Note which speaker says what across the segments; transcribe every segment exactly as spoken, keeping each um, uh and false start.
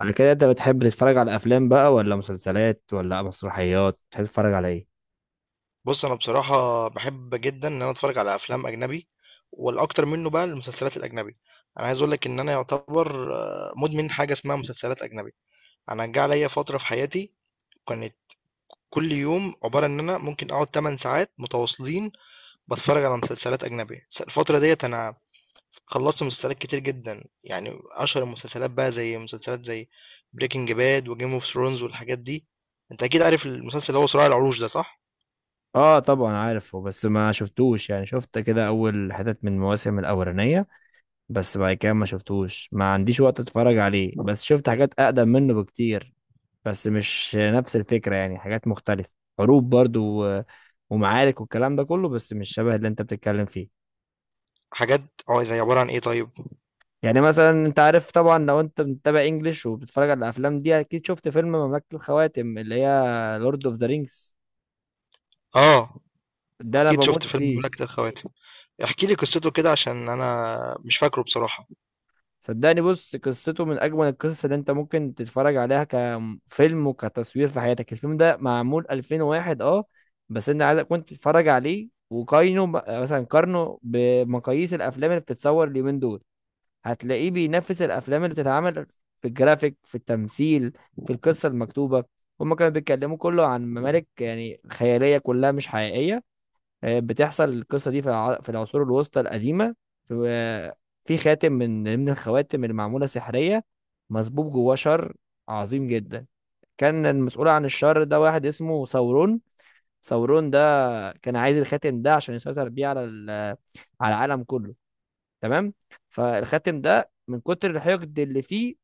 Speaker 1: على كده انت بتحب تتفرج على افلام بقى، ولا مسلسلات، ولا مسرحيات؟ بتحب تتفرج على ايه؟
Speaker 2: بص، انا بصراحه بحب جدا ان انا اتفرج على افلام اجنبي. والاكتر منه بقى المسلسلات الاجنبي. انا عايز اقول لك ان انا يعتبر آه، مدمن حاجه اسمها مسلسلات اجنبي. انا جه عليا فتره في حياتي كانت كل يوم عباره ان انا ممكن اقعد ثماني ساعات متواصلين بتفرج على مسلسلات اجنبي. س- الفتره ديت انا خلصت مسلسلات كتير جدا. يعني اشهر المسلسلات بقى زي مسلسلات زي بريكنج باد وجيم اوف ثرونز والحاجات دي. انت اكيد عارف المسلسل اللي هو صراع العروش ده، صح؟
Speaker 1: اه طبعا عارفه، بس ما شفتوش. يعني شفت كده اول حتت من المواسم الاولانيه، بس بعد كده ما شفتوش، ما عنديش وقت اتفرج عليه. بس شفت حاجات اقدم منه بكتير، بس مش نفس الفكره، يعني حاجات مختلفه. حروب برضو و- ومعارك والكلام ده كله، بس مش شبه اللي انت بتتكلم فيه.
Speaker 2: حاجات. اه زي عباره عن ايه؟ طيب.
Speaker 1: يعني مثلا انت عارف طبعا، لو انت متابع انجليش وبتتفرج على الافلام دي، اكيد شفت فيلم مملكة الخواتم اللي هي لورد اوف ذا رينجز.
Speaker 2: آه،
Speaker 1: ده انا
Speaker 2: أكيد شُفت
Speaker 1: بموت
Speaker 2: فيلم
Speaker 1: فيه.
Speaker 2: مملكة الخواتم. احكِ لي قصته كده عشان أنا مش فاكره بصراحة.
Speaker 1: صدقني بص، قصته من اجمل القصص اللي انت ممكن تتفرج عليها كفيلم وكتصوير في حياتك. الفيلم ده معمول ألفين وواحد. اه، بس انت عايزك كنت تتفرج عليه وقارنه ب- مثلا قارنه بمقاييس الافلام اللي بتتصور اليومين دول، هتلاقيه بينافس الافلام اللي بتتعمل في الجرافيك، في التمثيل، في القصه المكتوبه. هما كانوا بيتكلموا كله عن ممالك يعني خياليه، كلها مش حقيقيه. آه، بتحصل القصه دي في الع- في العصور الوسطى القديمه. في آه، في خاتم من من الخواتم اللي معموله سحريه، مسبوب جواه شر عظيم جدا. كان المسؤول عن الشر ده واحد اسمه ثورون. ثورون ده كان عايز الخاتم ده عشان يسيطر بيه على ال- على العالم كله، تمام؟ فالخاتم ده من كتر الحقد اللي فيه،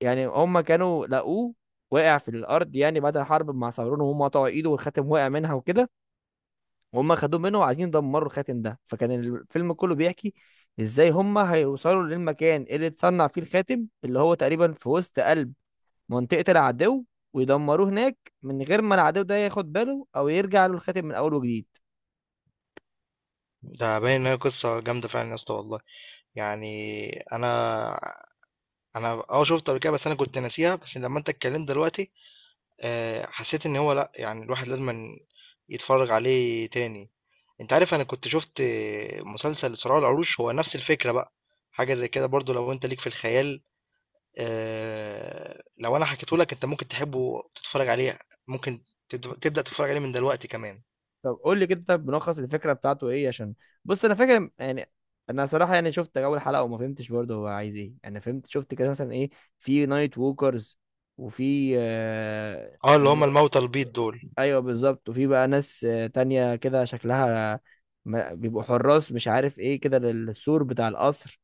Speaker 1: يعني هم كانوا لقوه واقع في الارض، يعني بعد الحرب مع صابرون، وهم قطعوا ايده والخاتم وقع منها وكده، وهم خدوه منه وعايزين يدمروا الخاتم ده. فكان الفيلم كله بيحكي ازاي هم هيوصلوا للمكان اللي اتصنع فيه الخاتم، اللي هو تقريبا في وسط قلب منطقة العدو، ويدمروه هناك، من غير ما العدو ده ياخد باله او يرجع له الخاتم من اول وجديد.
Speaker 2: ده باين إن هي قصة جامدة فعلًا يا اسطى والله. يعني أنا أنا آه شُفته قبل كده، بس أنا كنت ناسيها، بس لمّا أنت اتكلمت دلوقتي آآ، حسيت إن هو لأ، يعني الواحد لازمًا يتفرّج عليه تاني. أنت عارف أنا كنت شُفت مسلسل صراع العروش، هو نفس الفكرة بقى، حاجة زي كده برضه لو أنت ليك في الخيال. آه، لو انا حكيته لك انت ممكن تحبه وتتفرج عليه. ممكن تبد- تبدأ تتفرج عليه من دلوقتي كمان.
Speaker 1: طب قول لي كده، طب ملخص الفكره بتاعته ايه؟ عشان بص انا فاكر يعني، انا صراحه يعني شفت اول حلقه وما فهمتش برضه هو عايز ايه. انا فهمت شفت كده مثلا ايه، في نايت ووكرز، وفي آه...
Speaker 2: اه، اللي
Speaker 1: م-
Speaker 2: هم الموتى البيض دول.
Speaker 1: ايوه بالظبط. وفي بقى ناس آه، تانية كده شكلها ما... بيبقوا حراس مش عارف ايه كده للسور بتاع القصر،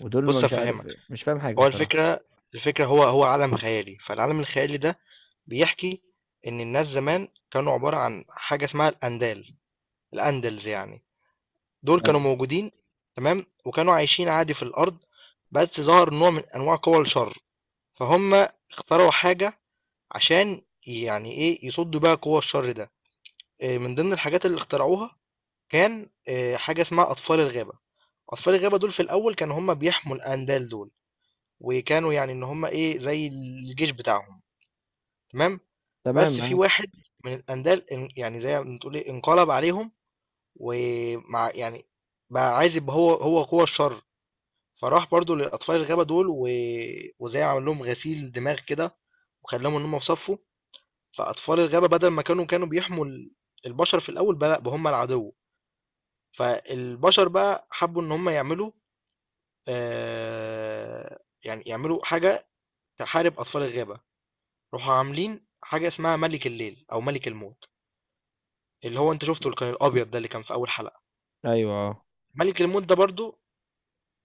Speaker 1: ودول ما
Speaker 2: بص
Speaker 1: مش
Speaker 2: افهمك،
Speaker 1: عارف، مش فاهم حاجه
Speaker 2: هو
Speaker 1: صراحه.
Speaker 2: الفكرة الفكرة هو هو عالم خيالي. فالعالم الخيالي ده بيحكي ان الناس زمان كانوا عبارة عن حاجة اسمها الاندال، الاندلز يعني. دول كانوا
Speaker 1: ايوه
Speaker 2: موجودين، تمام، وكانوا عايشين عادي في الارض. بس ظهر نوع من انواع قوى الشر، فهم اخترعوا حاجة عشان يعني ايه يصدوا بيها قوى الشر ده. آه، من ضمن الحاجات اللي اخترعوها كان آه، حاجة اسمها أطفال الغابة. أطفال الغابة دول في الأول كانوا هم بيحموا الأندال دول، وكانوا يعني إن هم إيه زي الجيش بتاعهم. تمام.
Speaker 1: تمام
Speaker 2: بس في
Speaker 1: معاك.
Speaker 2: واحد من الأندال إن- يعني زي ما تقول إيه انقلب عليهم، ومع يعني بقى عايز يبقى هو هو قوة الشر. فراح برضو لأطفال الغابة دول و... وزي عمل لهم غسيل دماغ كده، وخلاهم إن هم في صفه. فأطفال الغابة بدل ما كانوا كانوا بيحموا ال- البشر في الأول، بقى لأ، بقى هم العدو. فالبشر بقى حبوا ان هم يعملوا آه، يعني يعملوا حاجة تحارب اطفال الغابة. راحوا عاملين حاجة اسمها ملك الليل او ملك الموت، اللي هو انت شفته اللي كان الابيض ده اللي كان في اول حلقة.
Speaker 1: ايوه
Speaker 2: ملك الموت ده برضو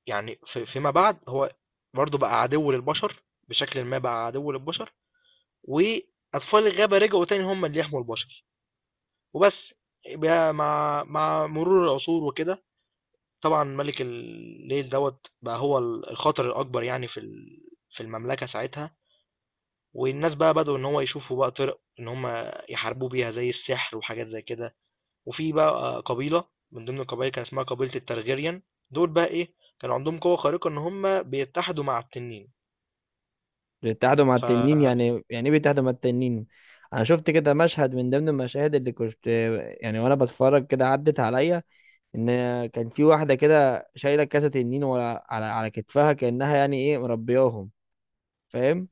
Speaker 2: يعني في- فيما بعد هو برضو بقى عدو للبشر، بشكل ما بقى عدو للبشر، واطفال الغابة رجعوا تاني هم اللي يحموا البشر وبس. بقى مع مع مرور العصور وكده طبعًا مَلِك الليل دوّة بقى هو ال الخطر الأكبر يعني في ال في المملكة ساعتها، والناس بقى بدؤوا إن هو يشوفوا بقى طِرِق إن هم يحاربوه بيها زي السحر وحاجات زي كده. وفي بقى قبيلة من ضمن القبايل كان اسمها قبيلة الTargaryen، دول بقى إيه، كانوا عندهم قوة خارقة إن هم بيتحدوا مع التنين.
Speaker 1: بيتحدوا مع
Speaker 2: ف
Speaker 1: التنين؟ يعني يعني ايه بيتحدوا مع التنين؟ انا شفت كده مشهد من ضمن المشاهد اللي كنت، يعني وانا بتفرج كده عدت عليا، ان كان في واحده كده شايله كاسه تنين ورا على على كتفها كانها يعني ايه مربياهم، فاهم؟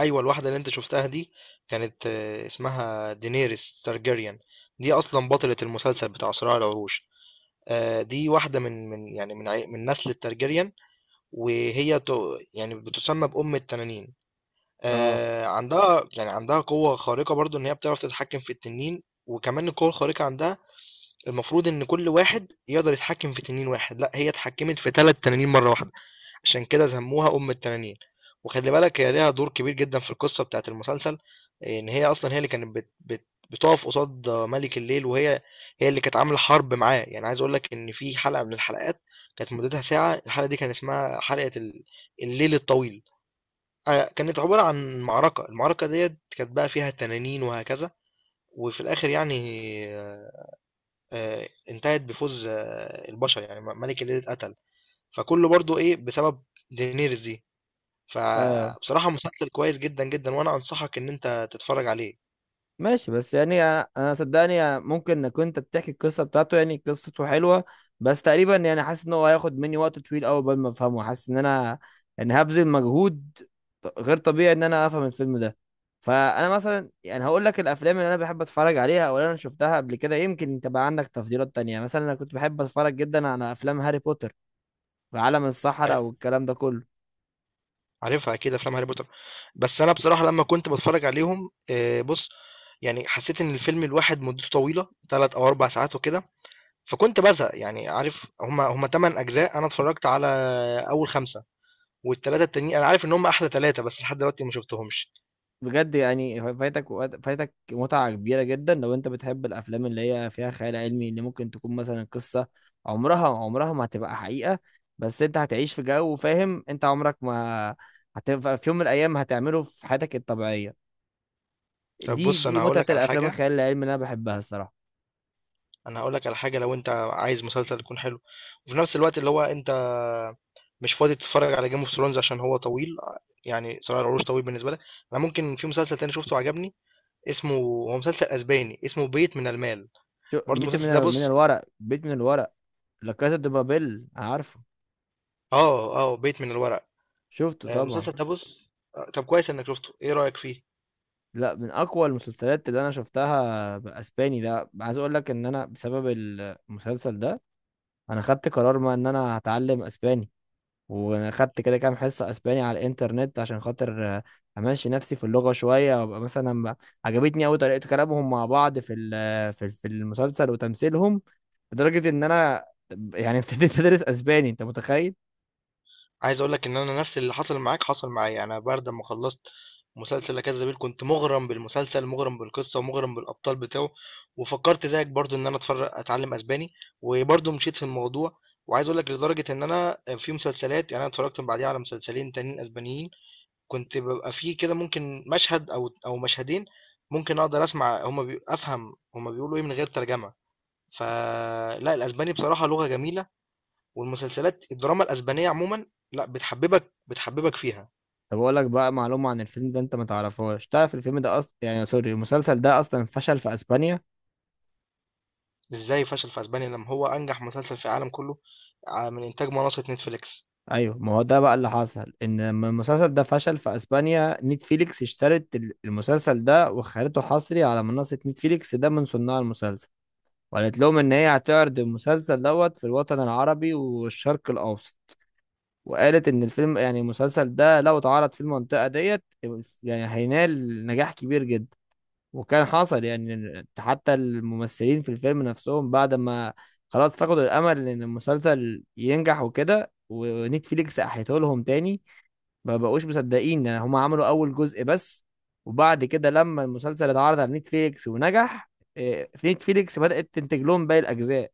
Speaker 2: أيوه، الواحدة اللي أنت شُفتها دي كانت آه، اسمها Daenerys Targaryen. دي أصلًا بطلة المسلسل بتاع صراع العروش. آآ دي واحدة من من يعني من عي من نسل الTargaryen. وهي ت... يعني بتسمى بأم التنانين.
Speaker 1: اه.
Speaker 2: آه عندها يعني عندها قوة خارقة برضو إن هي بتعرف تتحكم في التنين. وكمان القوة الخارقة عندها المفروض إن كل واحد يقدر يتحكم في تنين واحد، لا هي اتحكمت في ثلاث تنانين مرة واحدة، عشان كده سموها أم التنانين. وخلي بالك هي ليها دور كبير جدا في القصة بتاعت المسلسل. إن هي أصلا هي اللي كانت بت بت بتقف قصاد ملك الليل، وهي هي اللي كانت عاملة حرب معاه. يعني عايز أقول لك إن في حلقة من الحلقات كانت مدتها ساعة، الحلقة دي كان اسمها حلقة ال- الليل الطويل. آه، كانت عبارة عن معركة. المعركة ديت كانت بقى فيها تنانين وهكذا. وفي الآخر يعني آه، آه، انتهت بفوز آه، البشر يعني ملك الليل اتقتل، فكله برضو إيه بسبب دينيرز دي.
Speaker 1: اه
Speaker 2: فبصراحة مسلسل كويس جدا جدا، وانا انصحك ان انت تتفرج عليه.
Speaker 1: ماشي، بس يعني انا أنا صدقني، ممكن انك انت بتحكي القصه بتاعته يعني قصته حلوه، بس تقريبا يعني حاسس ان هو هياخد مني وقت طويل قوي قبل ما افهمه. حاسس ان انا يعني هبذل مجهود ط- غير طبيعي ان انا افهم الفيلم ده. فانا مثلا يعني هقول لك الافلام اللي انا بحب اتفرج عليها او اللي انا شفتها قبل كده. يمكن انت بقى عندك تفضيلات تانية. مثلا انا كنت بحب اتفرج جدا على افلام هاري بوتر، وعالم السحرة
Speaker 2: عار-
Speaker 1: والكلام ده كله.
Speaker 2: عارفها اكيد افلام هاري بوتر، بس انا بصراحة لما كنت بتفرج عليهم آه، بص. يعني حسيت ان الفيلم الواحد مدته طويلة ثلاث او اربع ساعات وكده فكنت بزهق. يعني عارف، هما هما تمن اجزاء، انا اتفرجت على اول خمسة، والثلاثة التانيين انا عارف ان هما احلى ثلاثة بس لحد دلوقتي ما شفتهمش.
Speaker 1: بجد يعني فايتك وقت- فايتك متعة كبيرة جدا، لو انت بتحب الافلام اللي هي فيها خيال علمي، اللي ممكن تكون مثلا قصة عمرها عمرها ما هتبقى حقيقة، بس انت هتعيش في جو، فاهم؟ انت عمرك ما هتبقى في يوم من الايام هتعمله في حياتك الطبيعية.
Speaker 2: طب
Speaker 1: دي
Speaker 2: بص،
Speaker 1: دي
Speaker 2: انا هقول
Speaker 1: متعة
Speaker 2: لك على
Speaker 1: الافلام
Speaker 2: حاجة
Speaker 1: الخيال العلمي اللي انا بحبها الصراحة.
Speaker 2: انا هقول لك على حاجه لو انت عايز مسلسل يكون حلو وفي نفس الوقت اللي هو انت مش فاضي تتفرج على جيم اوف ثرونز عشان هو طويل. يعني صراع العروش طويل بالنسبه لك. انا ممكن، في مسلسل تاني شفته عجبني، اسمه هو مسلسل اسباني اسمه بيت من المال.
Speaker 1: شو
Speaker 2: برضو
Speaker 1: ميت
Speaker 2: المسلسل ده
Speaker 1: من من
Speaker 2: بص.
Speaker 1: الورق؟ بيت من الورق؟ لا كاسا دي بابيل، عارفه.
Speaker 2: اه، اه، بيت من الورق.
Speaker 1: شفته
Speaker 2: آه،
Speaker 1: طبعا.
Speaker 2: المسلسل ده بص. آه، طب كويس انك شفته، ايه رايك فيه؟
Speaker 1: لا، من اقوى المسلسلات اللي انا شفتها. باسباني ده، عايز اقول لك ان انا بسبب المسلسل ده انا خدت قرار ما ان انا هتعلم اسباني، واخدت كده كام حصه اسباني على الانترنت عشان خاطر آه، امشي نفسي في اللغه شويه، وابقى مثلا ب- عجبتني قوي طريقه كلامهم مع بعض في ال- في في المسلسل وتمثيلهم، لدرجه ان انا يعني ابتديت ادرس اسباني، انت متخيل؟
Speaker 2: عايز اقول لك ان انا نفس اللي حصل معاك حصل معايا. يعني انا بعد ما خلصت مسلسل لا كذا بيل كنت مغرم بالمسلسل، مغرم بالقصه، ومغرم بالابطال بتاعه، وفكرت زيك برضو ان انا اتفرج اتعلم اسباني وبرضو مشيت في الموضوع. وعايز اقول لك لدرجه ان انا في مسلسلات، يعني انا اتفرجت بعديها على مسلسلين تانيين اسبانيين كنت ببقى فيه كده ممكن مشهد او او مشهدين ممكن اقدر اسمع هما بي... افهم هما بيقولوا ايه من غير ترجمه. فلا الاسباني بصراحه لغه جميله، والمسلسلات الدراما الأسبانية عمومًا لأ، بتحببك بتحببك فيها.
Speaker 1: طب اقول لك بقى معلومه عن الفيلم ده انت ما تعرفهاش. تعرف الفيلم ده اصلا، يعني سوري المسلسل ده، اصلا فشل في اسبانيا؟
Speaker 2: إزاي فشل في أسبانيا لمّا هو أنجح مسلسل في العالم كله؟ ع من إنتاج منصة Netflix.
Speaker 1: ايوه، ما هو ده بقى اللي حصل، ان لما المسلسل ده فشل في اسبانيا، نتفليكس اشترت ال- المسلسل ده وخلته حصري على منصة نتفليكس. ده من صناع المسلسل، وقالت لهم ان هي هتعرض المسلسل دوت في الوطن العربي والشرق الاوسط، وقالت ان الفيلم يعني المسلسل ده لو اتعرض في المنطقة ديت يعني هينال نجاح كبير جدا. وكان حصل يعني حتى الممثلين في الفيلم نفسهم بعد ما خلاص فقدوا الامل ان المسلسل ينجح وكده، ونتفليكس احيته لهم تاني. ما بقوش مصدقين، يعني هما عملوا اول جزء بس، وبعد كده لما المسلسل اتعرض على نتفليكس ونجح، إيه، في نتفليكس بدأت تنتج لهم باقي الاجزاء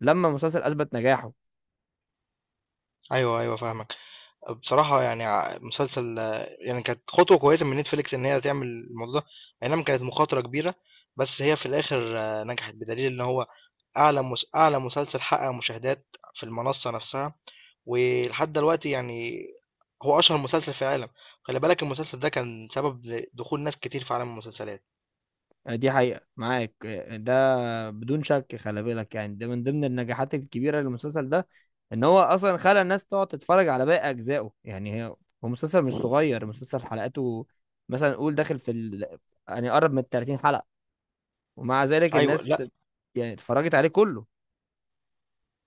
Speaker 1: لما المسلسل اثبت نجاحه.
Speaker 2: أيوه، أيوه، فاهمك. بصراحة يعني ع مسلسل آه، يعني كانت خطوة كويسة من Netflix إن هي تعمل الموضوع ده. أي نعم كانت مخاطرة كبيرة، بس هي في الآخر آه، نجحت، بدليل إن هو أعلى مس أعلى مسلسل حقق مشاهدات في المنصة نفسها. ولحد دلوقتي يعني هو اشهر مسلسل في العالم. خلي بالك المسلسل ده كان سبب ل- دخول ناس كتير في عالم المسلسلات.
Speaker 1: آه، دي حقيقة معاك، آه، ده بدون شك. خلي بالك يعني ده من ضمن النجاحات الكبيرة للمسلسل ده، ان هو اصلا خلى الناس تقعد تتفرج على باقي اجزائه. يعني هي، هو مسلسل مش صغير، مسلسل حلقاته مثلا قول داخل في ال... يعني قرب من ثلاثين حلقة، ومع ذلك
Speaker 2: ايوه، لا،
Speaker 1: الناس يعني اتفرجت عليه كله.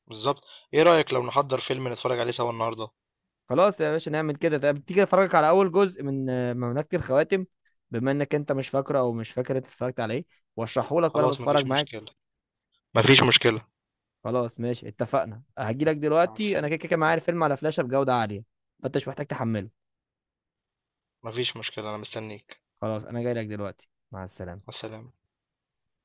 Speaker 2: بالظبط. ايه رأيك لو نحضر فيلم نتفرج عليه سوا النهارده؟
Speaker 1: خلاص يا باشا، نعمل كده. طب تيجي افرجك على اول جزء من آه، مملكة الخواتم، بما انك انت مش فاكره او مش فاكر انت اتفرجت على ايه، واشرحه لك وانا
Speaker 2: خلاص،
Speaker 1: بتفرج
Speaker 2: مفيش
Speaker 1: معاك.
Speaker 2: مشكلة. مفيش مشكلة.
Speaker 1: خلاص ماشي، اتفقنا. هجي لك
Speaker 2: مع
Speaker 1: دلوقتي، انا كده
Speaker 2: السلامة.
Speaker 1: كده معايا الفيلم على فلاشة بجودة عالية، فانت مش محتاج تحمله.
Speaker 2: مفيش مشكلة، انا مستنيك.
Speaker 1: خلاص انا جاي لك دلوقتي، مع السلامة.
Speaker 2: مع السلامة.